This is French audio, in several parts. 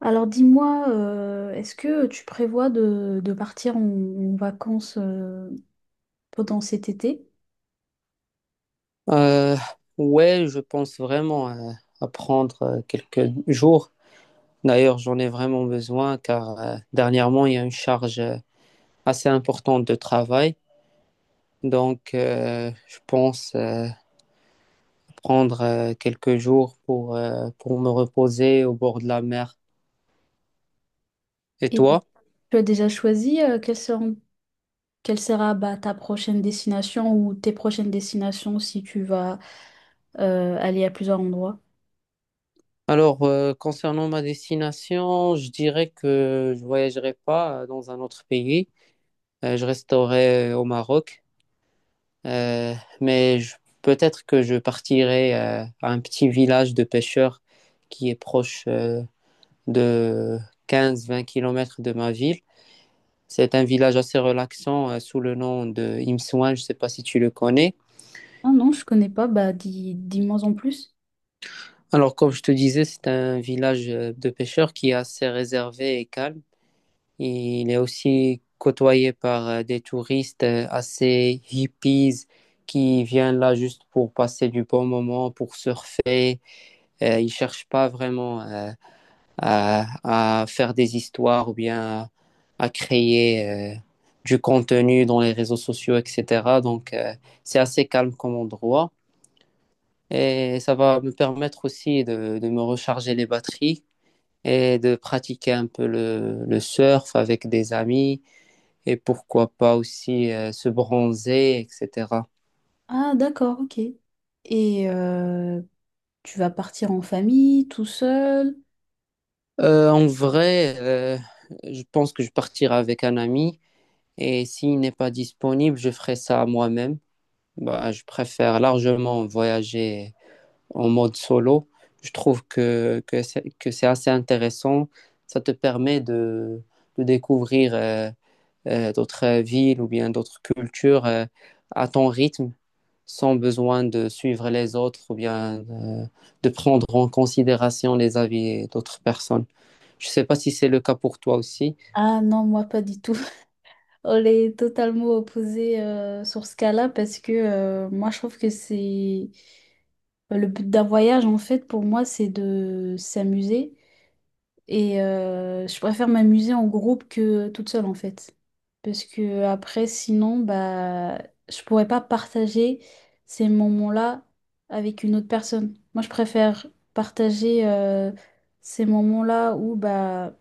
Alors dis-moi, est-ce que tu prévois de partir en vacances pendant cet été? Euh, ouais, je pense vraiment à prendre quelques jours. D'ailleurs, j'en ai vraiment besoin car dernièrement, il y a une charge assez importante de travail. Donc, je pense prendre quelques jours pour me reposer au bord de la mer. Et Et toi? tu as déjà choisi quelle sera ta prochaine destination ou tes prochaines destinations si tu vas aller à plusieurs endroits? Alors, concernant ma destination, je dirais que je voyagerai pas dans un autre pays. Je resterai au Maroc. Euh, mais peut-être que je partirai à un petit village de pêcheurs qui est proche de 15-20 kilomètres de ma ville. C'est un village assez relaxant sous le nom de Imsouane, je ne sais pas si tu le connais. Ah non, je connais pas, bah dis-moi en plus. Alors, comme je te disais, c'est un village de pêcheurs qui est assez réservé et calme. Il est aussi côtoyé par des touristes assez hippies qui viennent là juste pour passer du bon moment, pour surfer. Ils cherchent pas vraiment à faire des histoires ou bien à créer du contenu dans les réseaux sociaux, etc. Donc, c'est assez calme comme endroit. Et ça va me permettre aussi de me recharger les batteries et de pratiquer un peu le surf avec des amis et pourquoi pas aussi se bronzer, etc. Ah d'accord, ok. Et tu vas partir en famille, tout seul? En vrai, je pense que je partirai avec un ami et s'il n'est pas disponible, je ferai ça moi-même. Bah, je préfère largement voyager en mode solo. Je trouve que c'est assez intéressant. Ça te permet de découvrir d'autres villes ou bien d'autres cultures à ton rythme, sans besoin de suivre les autres ou bien de prendre en considération les avis d'autres personnes. Je ne sais pas si c'est le cas pour toi aussi. Ah non, moi pas du tout. On est totalement opposés sur ce cas-là parce que moi je trouve que c'est bah, le but d'un voyage en fait pour moi c'est de s'amuser et je préfère m'amuser en groupe que toute seule en fait parce que après sinon bah je pourrais pas partager ces moments-là avec une autre personne. Moi je préfère partager ces moments-là où bah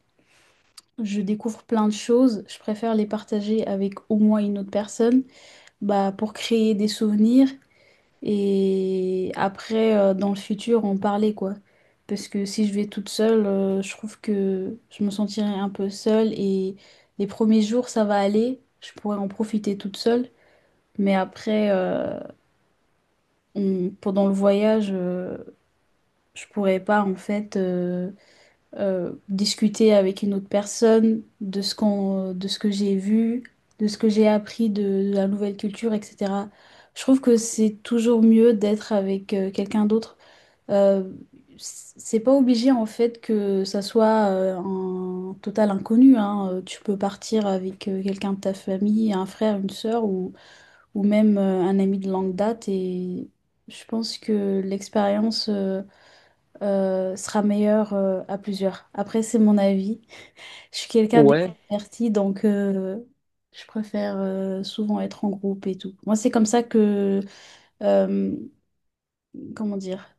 je découvre plein de choses, je préfère les partager avec au moins une autre personne, bah pour créer des souvenirs et après dans le futur en parler quoi. Parce que si je vais toute seule, je trouve que je me sentirai un peu seule et les premiers jours ça va aller, je pourrais en profiter toute seule, mais après pendant le voyage, je pourrais pas en fait. Discuter avec une autre personne de ce de ce que j'ai vu, de ce que j'ai appris de la nouvelle culture, etc. Je trouve que c'est toujours mieux d'être avec quelqu'un d'autre. Euh, c'est pas obligé en fait que ça soit un total inconnu, hein. Tu peux partir avec quelqu'un de ta famille, un frère, une sœur ou même un ami de longue date et je pense que l'expérience sera meilleur à plusieurs. Après, c'est mon avis. Je suis quelqu'un Ouais, d'extraverti, donc je préfère souvent être en groupe et tout. Moi, c'est comme ça que, euh, comment dire,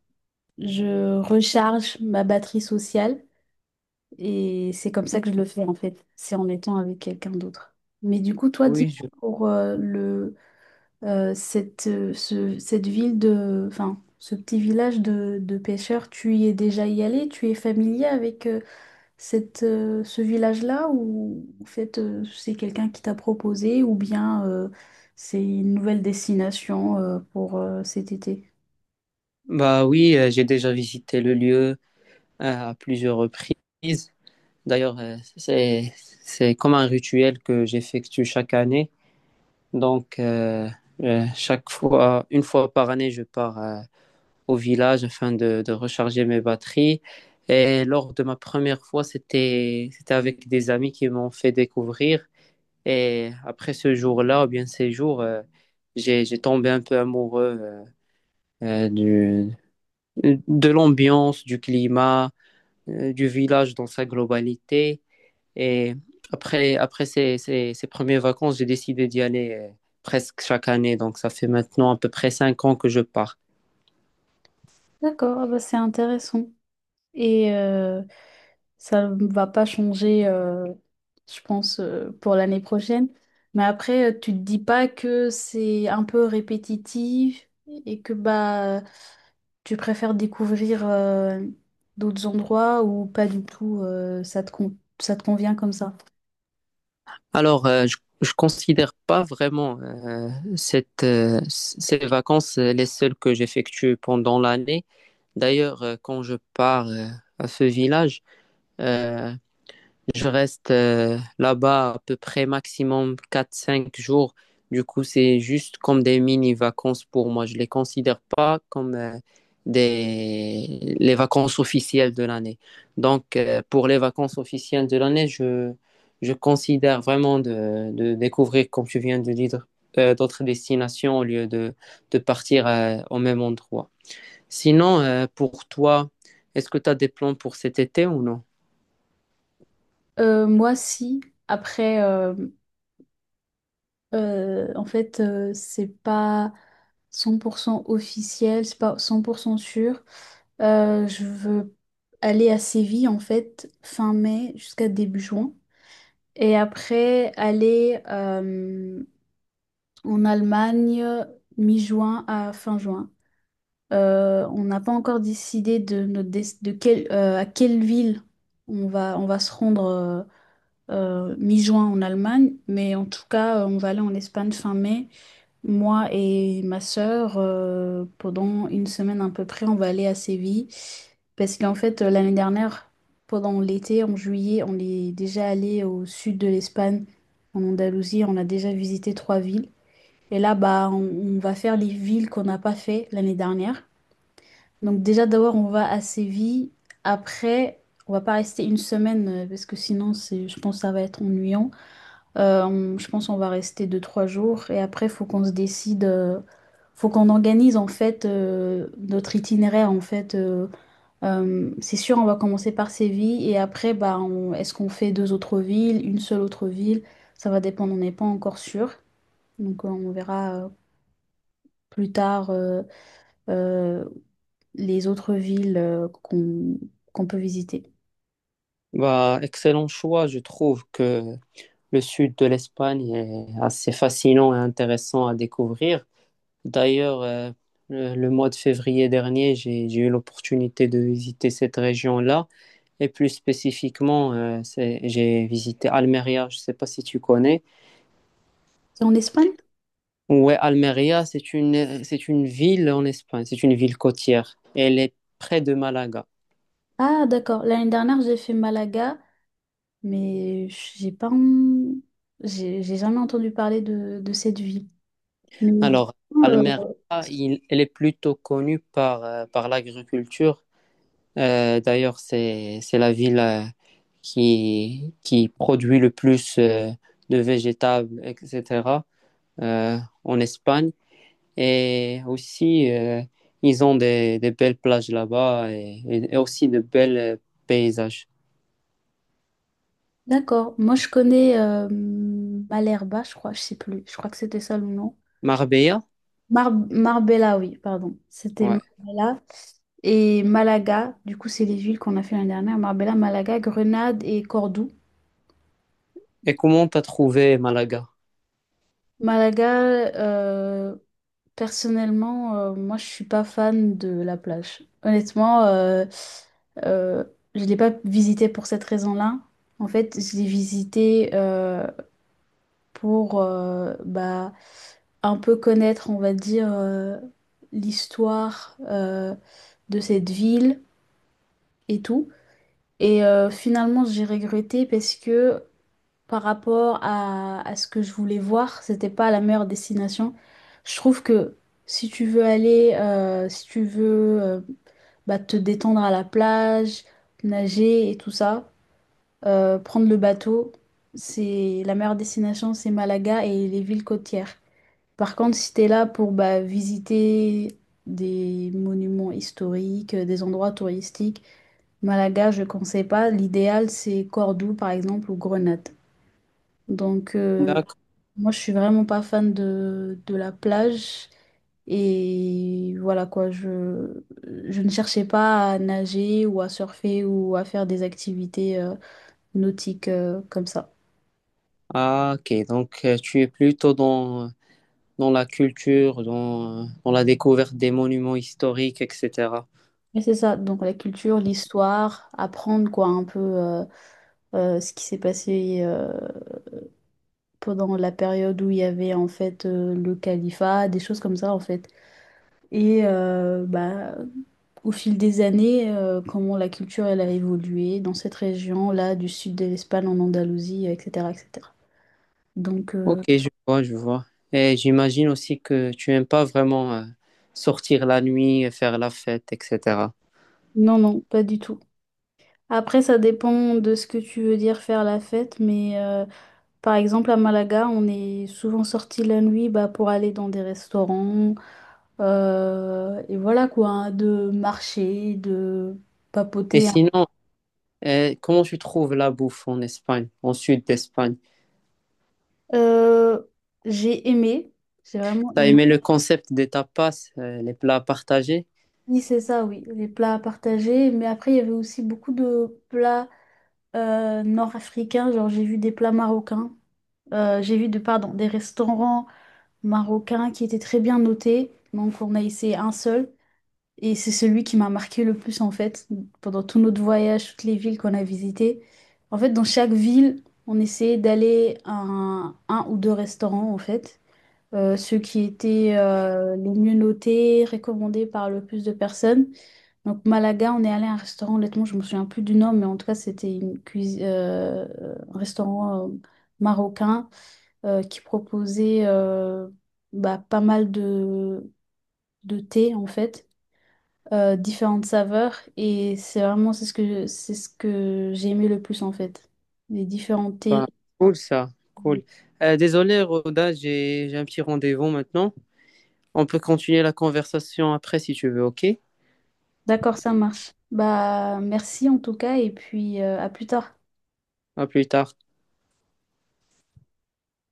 je recharge ma batterie sociale et c'est comme ça que je le fais en fait. C'est en étant avec quelqu'un d'autre. Mais du coup, toi, oui, dis-moi pour le, cette ville de, enfin, ce petit village de pêcheurs, tu y es déjà y allé? Tu es familier avec... ce village-là ou en fait c'est quelqu'un qui t'a proposé ou bien c'est une nouvelle destination pour cet été? bah oui, j'ai déjà visité le lieu à plusieurs reprises. D'ailleurs, c'est comme un rituel que j'effectue chaque année. Donc chaque fois, une fois par année, je pars au village afin de recharger mes batteries. Et lors de ma première fois, c'était avec des amis qui m'ont fait découvrir. Et après ce jour-là, ou bien ces jours, j'ai tombé un peu amoureux euh, du, de l'ambiance, du climat, du village dans sa globalité. Et après, après ces premières vacances, j'ai décidé d'y aller presque chaque année. Donc ça fait maintenant à peu près 5 ans que je pars. D'accord, ah bah c'est intéressant. Et ça ne va pas changer, je pense, pour l'année prochaine. Mais après, tu te dis pas que c'est un peu répétitif et que bah tu préfères découvrir d'autres endroits ou pas du tout, ça te convient comme ça. Alors, je considère pas vraiment ces vacances les seules que j'effectue pendant l'année. D'ailleurs, quand je pars à ce village, euh, je reste là-bas à peu près maximum 4 5 jours. Du coup, c'est juste comme des mini-vacances pour moi. Je ne les considère pas comme les vacances officielles de l'année. Donc, pour les vacances officielles de l'année, je considère vraiment de découvrir, comme tu viens de dire, d'autres destinations au lieu de partir au même endroit. Sinon, pour toi, est-ce que tu as des plans pour cet été ou non? Moi, si. Après, en fait, c'est pas 100% officiel, c'est pas 100% sûr. Je veux aller à Séville, en fait, fin mai jusqu'à début juin. Et après, aller en Allemagne mi-juin à fin juin. On n'a pas encore décidé de, notre des- de quelle- à quelle ville on va se rendre mi-juin en Allemagne, mais en tout cas, on va aller en Espagne fin mai. Moi et ma sœur, pendant une semaine à peu près, on va aller à Séville. Parce qu'en fait, l'année dernière, pendant l'été, en juillet, on est déjà allé au sud de l'Espagne, en Andalousie. On a déjà visité trois villes. Et là, bah, on va faire les villes qu'on n'a pas fait l'année dernière. Donc déjà, d'abord, on va à Séville. Après, on va pas rester une semaine parce que sinon, c'est, je pense que ça va être ennuyant. Je pense qu'on va rester deux, trois jours et après, faut qu'on se décide, faut qu'on organise en fait notre itinéraire en fait. C'est sûr, on va commencer par Séville et après, bah, est-ce qu'on fait deux autres villes, une seule autre ville? Ça va dépendre, on n'est pas encore sûr. Donc, on verra plus tard euh, les autres villes qu'on peut visiter. Bah, excellent choix. Je trouve que le sud de l'Espagne est assez fascinant et intéressant à découvrir. D'ailleurs, le mois de février dernier, j'ai eu l'opportunité de visiter cette région-là. Et plus spécifiquement, j'ai visité Almeria. Je ne sais pas si tu connais. C'est en Espagne? Ouais, Almeria, c'est une ville en Espagne. C'est une ville côtière. Elle est près de Malaga. Ah, d'accord. L'année dernière, j'ai fait Malaga mais j'ai pas, j'ai jamais entendu parler de cette ville. Mais Alors, euh, Almeria, elle est plutôt connue par l'agriculture. D'ailleurs, c'est la ville qui produit le plus de végétables, etc., euh, en Espagne. Et aussi, ils ont des belles plages là-bas et aussi de belles paysages. d'accord, moi je connais Malherba, je crois, je sais plus, je crois que c'était ça le nom. Marbella? Marbella, oui, pardon, c'était Ouais. Marbella et Malaga. Du coup, c'est les villes qu'on a fait l'année dernière. Marbella, Malaga, Grenade et Cordoue. Et comment t'as trouvé Malaga? Malaga, euh, personnellement, moi, je suis pas fan de la plage. Honnêtement, euh, je l'ai pas visitée pour cette raison-là. En fait, je l'ai visitée pour bah, un peu connaître, on va dire, l'histoire de cette ville et tout. Et finalement, j'ai regretté parce que par rapport à ce que je voulais voir, c'était pas la meilleure destination. Je trouve que si tu veux aller, si tu veux bah, te détendre à la plage, nager et tout ça, prendre le bateau, c'est la meilleure destination, c'est Malaga et les villes côtières. Par contre, si t'es là pour bah, visiter des monuments historiques, des endroits touristiques, Malaga, je ne conseille pas. L'idéal, c'est Cordoue, par exemple, ou Grenade. Donc, D'accord. moi, je suis vraiment pas fan de la plage. Et voilà quoi, je ne cherchais pas à nager ou à surfer ou à faire des activités nautiques comme ça. Ah, ok. Donc, tu es plutôt dans la culture, dans la découverte des monuments historiques, etc. Mais c'est ça, donc la culture, l'histoire, apprendre quoi un peu ce qui s'est passé pendant la période où il y avait en fait le califat, des choses comme ça en fait. Et bah au fil des années, comment la culture elle a évolué dans cette région-là, du sud de l'Espagne en Andalousie, etc., etc. Donc, Ok, je vois, je vois. Et j'imagine aussi que tu aimes pas vraiment sortir la nuit, faire la fête, etc. non, non, pas du tout. Après, ça dépend de ce que tu veux dire faire la fête, mais par exemple à Malaga, on est souvent sorti la nuit bah, pour aller dans des restaurants, et voilà quoi, hein, de marcher, de Et papoter, hein. sinon, comment tu trouves la bouffe en Espagne, en sud d'Espagne? Euh, j'ai aimé, j'ai vraiment T'as aimé. aimé le concept des tapas, les plats partagés? Oui, c'est ça, oui, les plats à partager. Mais après, il y avait aussi beaucoup de plats nord-africains. Genre, j'ai vu des plats marocains. J'ai vu de, pardon, des restaurants marocains qui étaient très bien notés. Donc, on a essayé un seul. Et c'est celui qui m'a marqué le plus, en fait, pendant tout notre voyage, toutes les villes qu'on a visitées. En fait, dans chaque ville, on essayait d'aller à un ou deux restaurants, en fait. Ceux qui étaient les mieux notés, recommandés par le plus de personnes. Donc Malaga, on est allé à un restaurant, honnêtement, je me souviens plus du nom, mais en tout cas, c'était une cuisine, un restaurant marocain qui proposait bah, pas mal de thé, en fait, différentes saveurs. Et c'est vraiment c'est ce que j'ai aimé le plus, en fait, les différents thés. Ben, cool ça, cool. Désolé, Roda, j'ai un petit rendez-vous maintenant. On peut continuer la conversation après si tu veux, ok? D'accord, ça marche. Bah, merci en tout cas, et puis à plus tard. À plus tard.